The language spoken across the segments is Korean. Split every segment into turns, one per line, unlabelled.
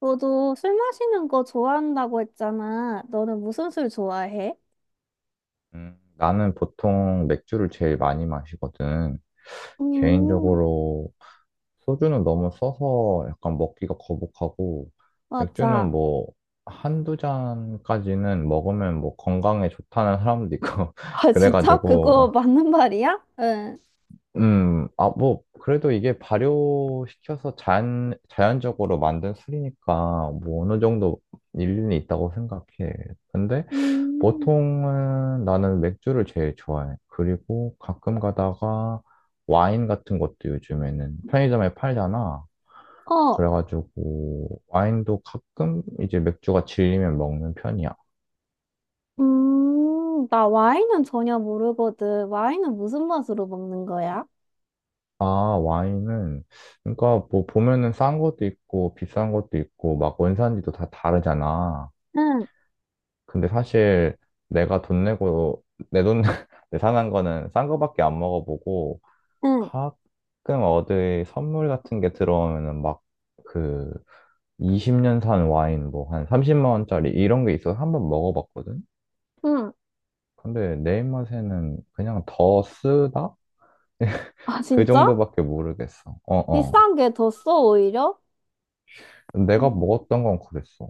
너도 술 마시는 거 좋아한다고 했잖아. 너는 무슨 술 좋아해?
나는 보통 맥주를 제일 많이 마시거든.
음,
개인적으로 소주는 너무 써서 약간 먹기가 거북하고, 맥주는
맞아.
뭐, 한두 잔까지는 먹으면 뭐 건강에 좋다는 사람도 있고,
아, 진짜? 그거
그래가지고,
맞는 말이야? 응.
뭐, 그래도 이게 발효시켜서 자연적으로 만든 술이니까, 뭐, 어느 정도 일리는 있다고 생각해. 근데,
음,
보통은 나는 맥주를 제일 좋아해. 그리고 가끔 가다가 와인 같은 것도 요즘에는 편의점에 팔잖아.
어,
그래가지고 와인도 가끔 이제 맥주가 질리면 먹는 편이야.
나 와인은 전혀 모르거든. 와인은 무슨 맛으로 먹는 거야?
아, 와인은 그러니까 뭐 보면은 싼 것도 있고 비싼 것도 있고 막 원산지도 다 다르잖아.
응,
근데 사실 내가 돈 내고 내 돈 내 사는 거는 싼 거밖에 안 먹어보고
응,
가끔 어디 선물 같은 게 들어오면은 막 그 20년 산 와인 뭐 한 30만 원짜리 이런 게 있어서 한번 먹어봤거든?
응.
근데 내 입맛에는 그냥 더 쓰다?
아,
그
진짜?
정도밖에 모르겠어. 어어.
비싼 게 더 써, 오히려?
내가
음,
먹었던 건 그랬어.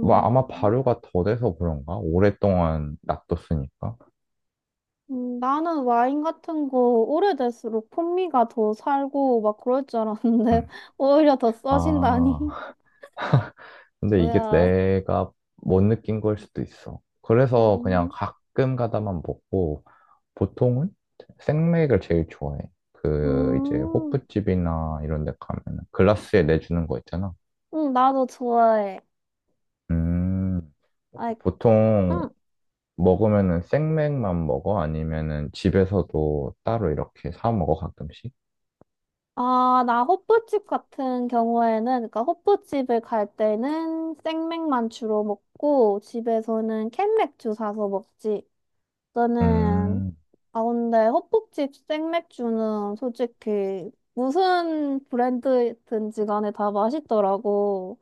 뭐 아마 발효가 더 돼서 그런가? 오랫동안 놔뒀으니까.
나는 와인 같은 거 오래될수록 풍미가 더 살고 막 그럴 줄 알았는데
응.
오히려 더 써진다니
아, 근데 이게
뭐야.
내가 못 느낀 걸 수도 있어. 그래서 그냥
음,
가끔 가다만 먹고, 보통은 생맥을 제일 좋아해. 그, 이제,
음,
호프집이나 이런 데 가면 글라스에 내주는 거 있잖아.
나도 좋아해.
음, 혹시
아이,
보통
음.
먹으면은 생맥만 먹어? 아니면은 집에서도 따로 이렇게 사 먹어, 가끔씩?
나 호프집 같은 경우에는 그러니까 호프집을 갈 때는 생맥만 주로 먹고 집에서는 캔맥주 사서 먹지. 너는?
음,
아, 근데 헛국집 생맥주는 솔직히 무슨 브랜드든지 간에 다 맛있더라고.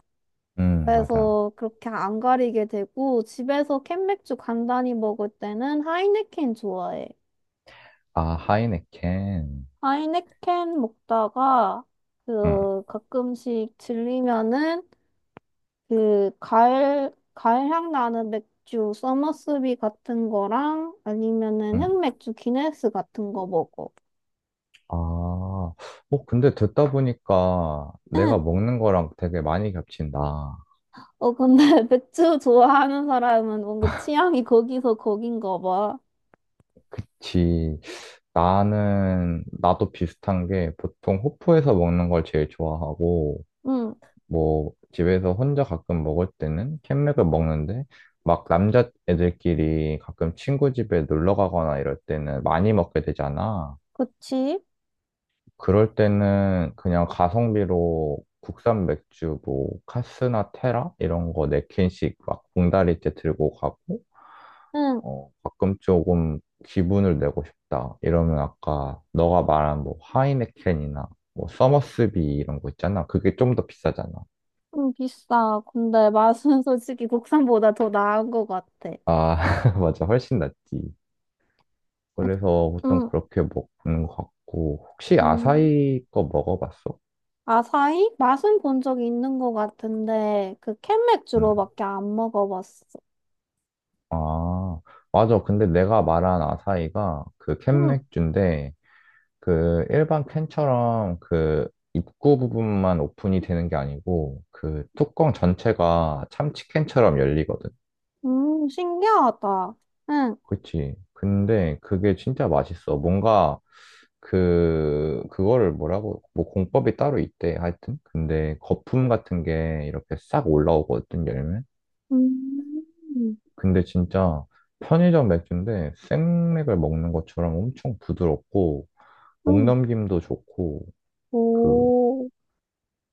맞아.
그래서 그렇게 안 가리게 되고 집에서 캔맥주 간단히 먹을 때는 하이네켄 좋아해.
아, 하이네켄.
하이네켄 먹다가
응,
그 가끔씩 질리면은 그 가을 향 나는 맥주 서머스비 같은 거랑 아니면은
응,
흑맥주 기네스 같은 거 먹어.
아, 어, 근데 듣다 보니까 내가
응.
먹는 거랑 되게 많이 겹친다.
어, 근데 맥주 좋아하는 사람은 뭔가 취향이 거기서 거긴가 봐.
지, 나도 비슷한 게 보통 호프에서 먹는 걸 제일 좋아하고,
응,
뭐, 집에서 혼자 가끔 먹을 때는 캔맥을 먹는데, 막 남자애들끼리 가끔 친구 집에 놀러 가거나 이럴 때는 많이 먹게 되잖아.
그치?
그럴 때는 그냥 가성비로 국산 맥주 뭐 카스나 테라 이런 거 네 캔씩 막 봉다리째 들고 가고
응,
어 가끔 조금 기분을 내고 싶다 이러면 아까 너가 말한 뭐 하이네켄이나 뭐 서머스비 이런 거 있잖아. 그게 좀 더 비싸잖아.
좀 비싸. 근데 맛은 솔직히 국산보다 더 나은 것 같아.
아 맞아. 훨씬 낫지. 그래서 보통
응,
그렇게 먹는 것 같고. 혹시
응.
아사히 거 먹어봤어?
아사히? 맛은 본 적이 있는 것 같은데, 그 캔
응.
맥주로밖에 안 먹어봤어.
아, 맞아. 근데 내가 말한 아사이가 그 캔
응,
맥주인데 그 일반 캔처럼 그 입구 부분만 오픈이 되는 게 아니고 그 뚜껑 전체가 참치캔처럼 열리거든.
신기하다. 응,
그치. 근데 그게 진짜 맛있어. 뭔가 그, 그거를 뭐라고, 뭐 공법이 따로 있대. 하여튼. 근데 거품 같은 게 이렇게 싹 올라오거든, 열면.
음,
근데 진짜 편의점 맥주인데 생맥을 먹는 것처럼 엄청 부드럽고
응,
목넘김도 좋고. 그
오.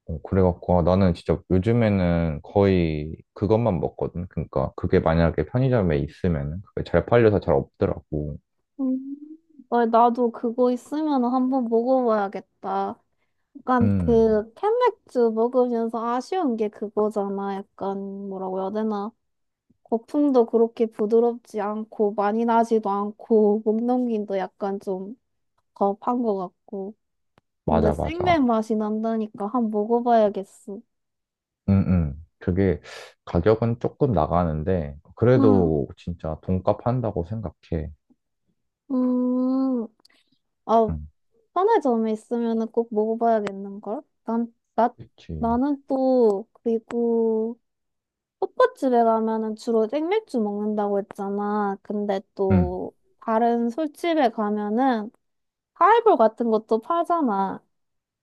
그래갖고 아, 나는 진짜 요즘에는 거의 그것만 먹거든. 그러니까 그게 만약에 편의점에 있으면 그게 잘 팔려서 잘 없더라고.
음. 어, 나도 그거 있으면 한번 먹어봐야겠다. 약간
음
그 캔맥주 먹으면서 아쉬운 게 그거잖아. 약간 뭐라고 해야 되나? 거품도 그렇게 부드럽지 않고 많이 나지도 않고 목 넘김도 약간 좀 겁한 것 같고. 근데
맞아,
생맥
맞아.
맛이 난다니까 한번 먹어봐야겠어.
그게 가격은 조금 나가는데
음,
그래도 진짜 돈값 한다고 생각해.
음, 아,
음
편의점에 있으면은 꼭 먹어봐야겠는걸? 난, 나,
그치.
나는 또, 그리고, 호빠 집에 가면은 주로 생맥주 먹는다고 했잖아. 근데
음
또 다른 술집에 가면은 하이볼 같은 것도 팔잖아.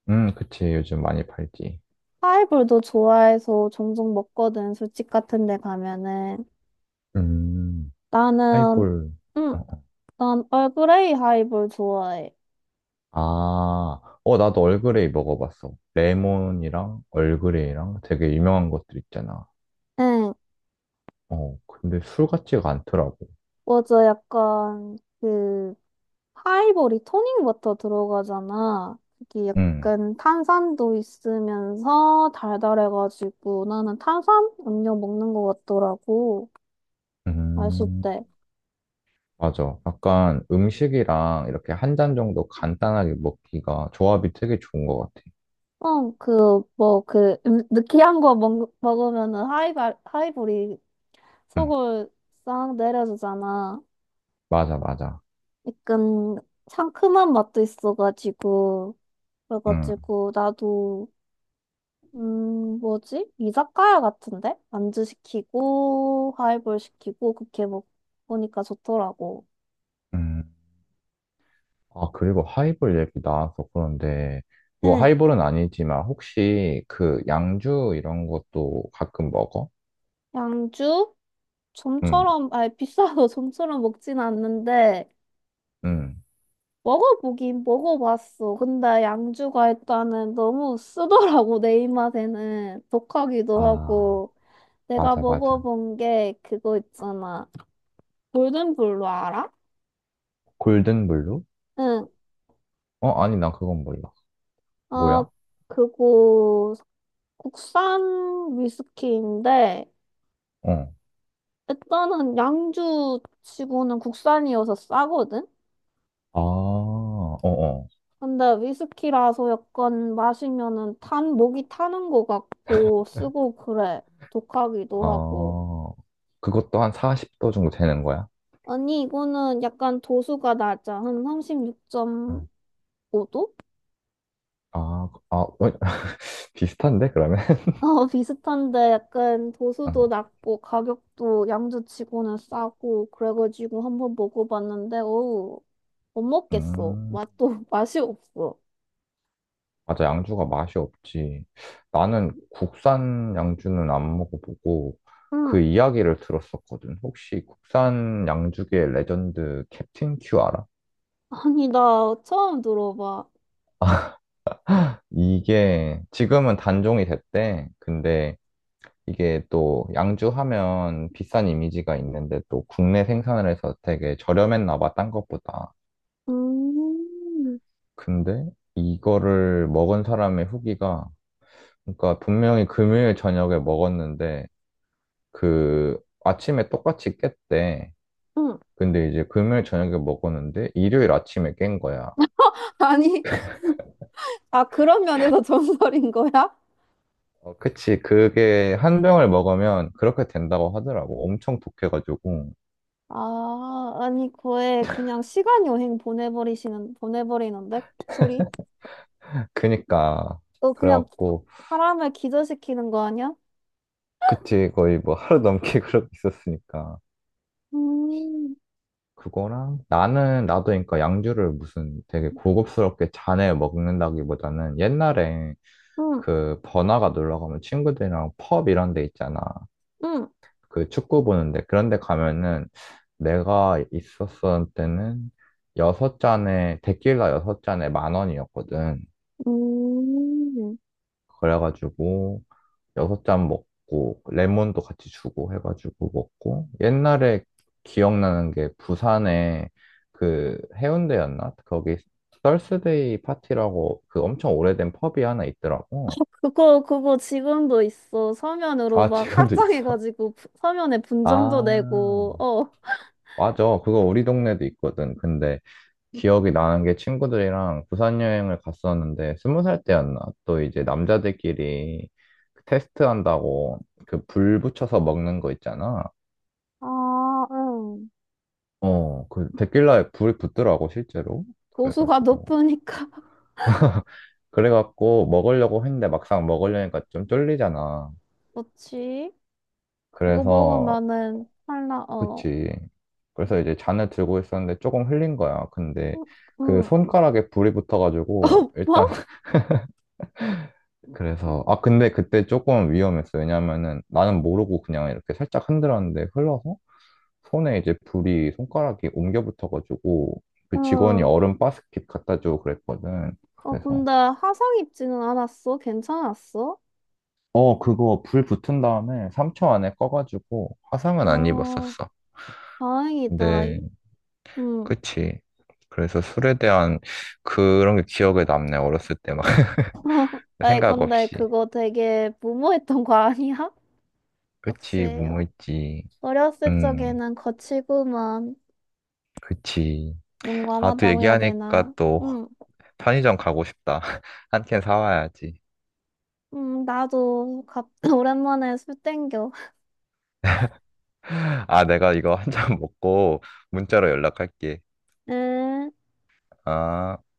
그치. 요즘 많이 팔지.
하이볼도 좋아해서 종종 먹거든. 술집 같은 데 가면은.
음
나는,
하이볼.
응, 난 얼그레이 하이볼 좋아해.
아, 어, 나도 얼그레이 먹어봤어. 레몬이랑 얼그레이랑 되게 유명한 것들 있잖아.
응,
어, 근데 술 같지가 않더라고.
맞아. 약간 그 파이볼이 토닉워터 들어가잖아. 이게
응,
약간 탄산도 있으면서 달달해가지고 나는 탄산 음료 먹는 것 같더라고. 마실
음,
때.
맞아. 약간 음식이랑 이렇게 한 잔 정도 간단하게 먹기가 조합이 되게 좋은 것 같아.
응, 그, 뭐, 그, 느끼한 거 먹으면은 하이볼이
응,
속을 싹 내려주잖아.
맞아, 맞아.
약간 상큼한 맛도 있어가지고.
응,
그래가지고 나도 뭐지? 이자카야 같은데? 안주 시키고, 하이볼 시키고, 그렇게 먹보니까 좋더라고.
음. 아, 그리고 하이볼 얘기 나와서 그런데, 뭐
응.
하이볼은 아니지만 혹시 그 양주 이런 것도 가끔 먹어?
양주?
응,
좀처럼, 아니, 비싸도 좀처럼 먹진 않는데,
응.
먹어보긴 먹어봤어. 근데 양주가 일단은 너무 쓰더라고, 내 입맛에는. 독하기도
아,
하고. 내가
맞아, 맞아.
먹어본 게 그거 있잖아. 골든블루 알아?
골든블루?
응.
어, 아니, 난 그건 몰라.
아,
뭐야?
그거 국산 위스키인데,
어.
일단은 양주 치고는 국산이어서 싸거든?
아, 어, 어.
근데 위스키라서 약간 마시면은 목이 타는 것 같고, 쓰고 그래. 독하기도 하고.
아, 그것도 한 40도 정도 되는 거야?
아니, 이거는 약간 도수가 낮아. 한 36.5도?
응. 아, 그, 아, 어, 비슷한데, 그러면?
어, 비슷한데 약간 도수도
아,
낮고 가격도 양주치고는 싸고 그래가지고 한번 먹어봤는데 어우 못 먹겠어.
음,
맛도 맛이 없어.
맞아, 양주가 맛이 없지. 나는 국산 양주는 안 먹어보고,
응,
그 이야기를 들었었거든. 혹시 국산 양주계 레전드 캡틴 큐 알아?
아니 나 처음 들어봐.
이게 지금은 단종이 됐대. 근데 이게 또 양주하면 비싼 이미지가 있는데 또 국내 생산을 해서 되게 저렴했나 봐, 딴 것보다.
음,
근데 이거를 먹은 사람의 후기가, 그러니까 분명히 금요일 저녁에 먹었는데 그 아침에 똑같이 깼대.
응.
근데 이제 금요일 저녁에 먹었는데 일요일 아침에 깬 거야.
아니, 아 그런 면에서 전설인 거야?
어, 그치. 그게 한 병을 먹으면 그렇게 된다고 하더라고. 엄청 독해가지고.
아, 아니 거에 그냥 시간 여행 보내버리시는 보내버리는데 술이?
그니까.
어 그냥
그래갖고.
사람을 기절시키는 거 아니야?
그치, 거의 뭐 하루 넘게 그러고 있었으니까.
음,
그거랑 나는 나도 그러니까 양주를 무슨 되게 고급스럽게 잔에 먹는다기보다는 옛날에
응,
그 번화가 놀러 가면 친구들이랑 펍 이런 데 있잖아.
응.
그 축구 보는데 그런 데 가면은 내가 있었을 때는 여섯 잔에 데킬라 여섯 잔에 만 원이었거든.
음,
그래가지고 여섯 잔 먹고 레몬도 같이 주고 해가지고 먹고 옛날에 기억나는 게 부산에 그 해운대였나? 거기 썰스데이 파티라고 그 엄청 오래된 펍이 하나 있더라고.
그거 지금도 있어. 서면으로
아,
막 확
지금도
장해가
있어?
지 고 서면에 분점도
아,
내고, 어,
맞아. 그거 우리 동네도 있거든. 근데 기억이 나는 게 친구들이랑 부산 여행을 갔었는데 스무 살 때였나? 또 이제 남자들끼리 그 테스트 한다고 그 불 붙여서 먹는 거 있잖아.
아, 응.
어, 그 데킬라에 불이 붙더라고 실제로.
도수가
그래가지고
높으니까.
그래갖고 먹으려고 했는데 막상 먹으려니까 좀 쫄리잖아.
그렇지? 그거
그래서
먹으면은 탈라 어.
그치. 그래서 이제 잔을 들고 있었는데 조금 흘린 거야. 근데
응,
그
응.
손가락에 불이 붙어가지고
어,
일단
뭐?
그래서 아 근데 그때 조금 위험했어. 왜냐면은 나는 모르고 그냥 이렇게 살짝 흔들었는데 흘러서 손에 이제 불이 손가락이 옮겨 붙어가지고 그 직원이
응.
얼음 바스켓 갖다 주고 그랬거든.
어,
그래서
근데 화상 입지는 않았어? 괜찮았어?
어 그거 불 붙은 다음에 3초 안에 꺼가지고 화상은 안
아,
입었었어.
다행이다.
근데
응.
그치. 그래서 술에 대한 그런 게 기억에 남네. 어렸을 때 막
아이,
생각
근데
없이.
그거 되게 무모했던 거 아니야? 역시.
그치 무모했지.
어렸을
음
적에는 거칠구만.
그치. 아 또
용감하다고 해야
얘기하니까
되나?
또
응,
편의점 가고 싶다. 한 캔 사와야지.
응, 나도 오랜만에 술 땡겨.
아, 내가 이거 한 잔 먹고 문자로 연락할게.
응.
아.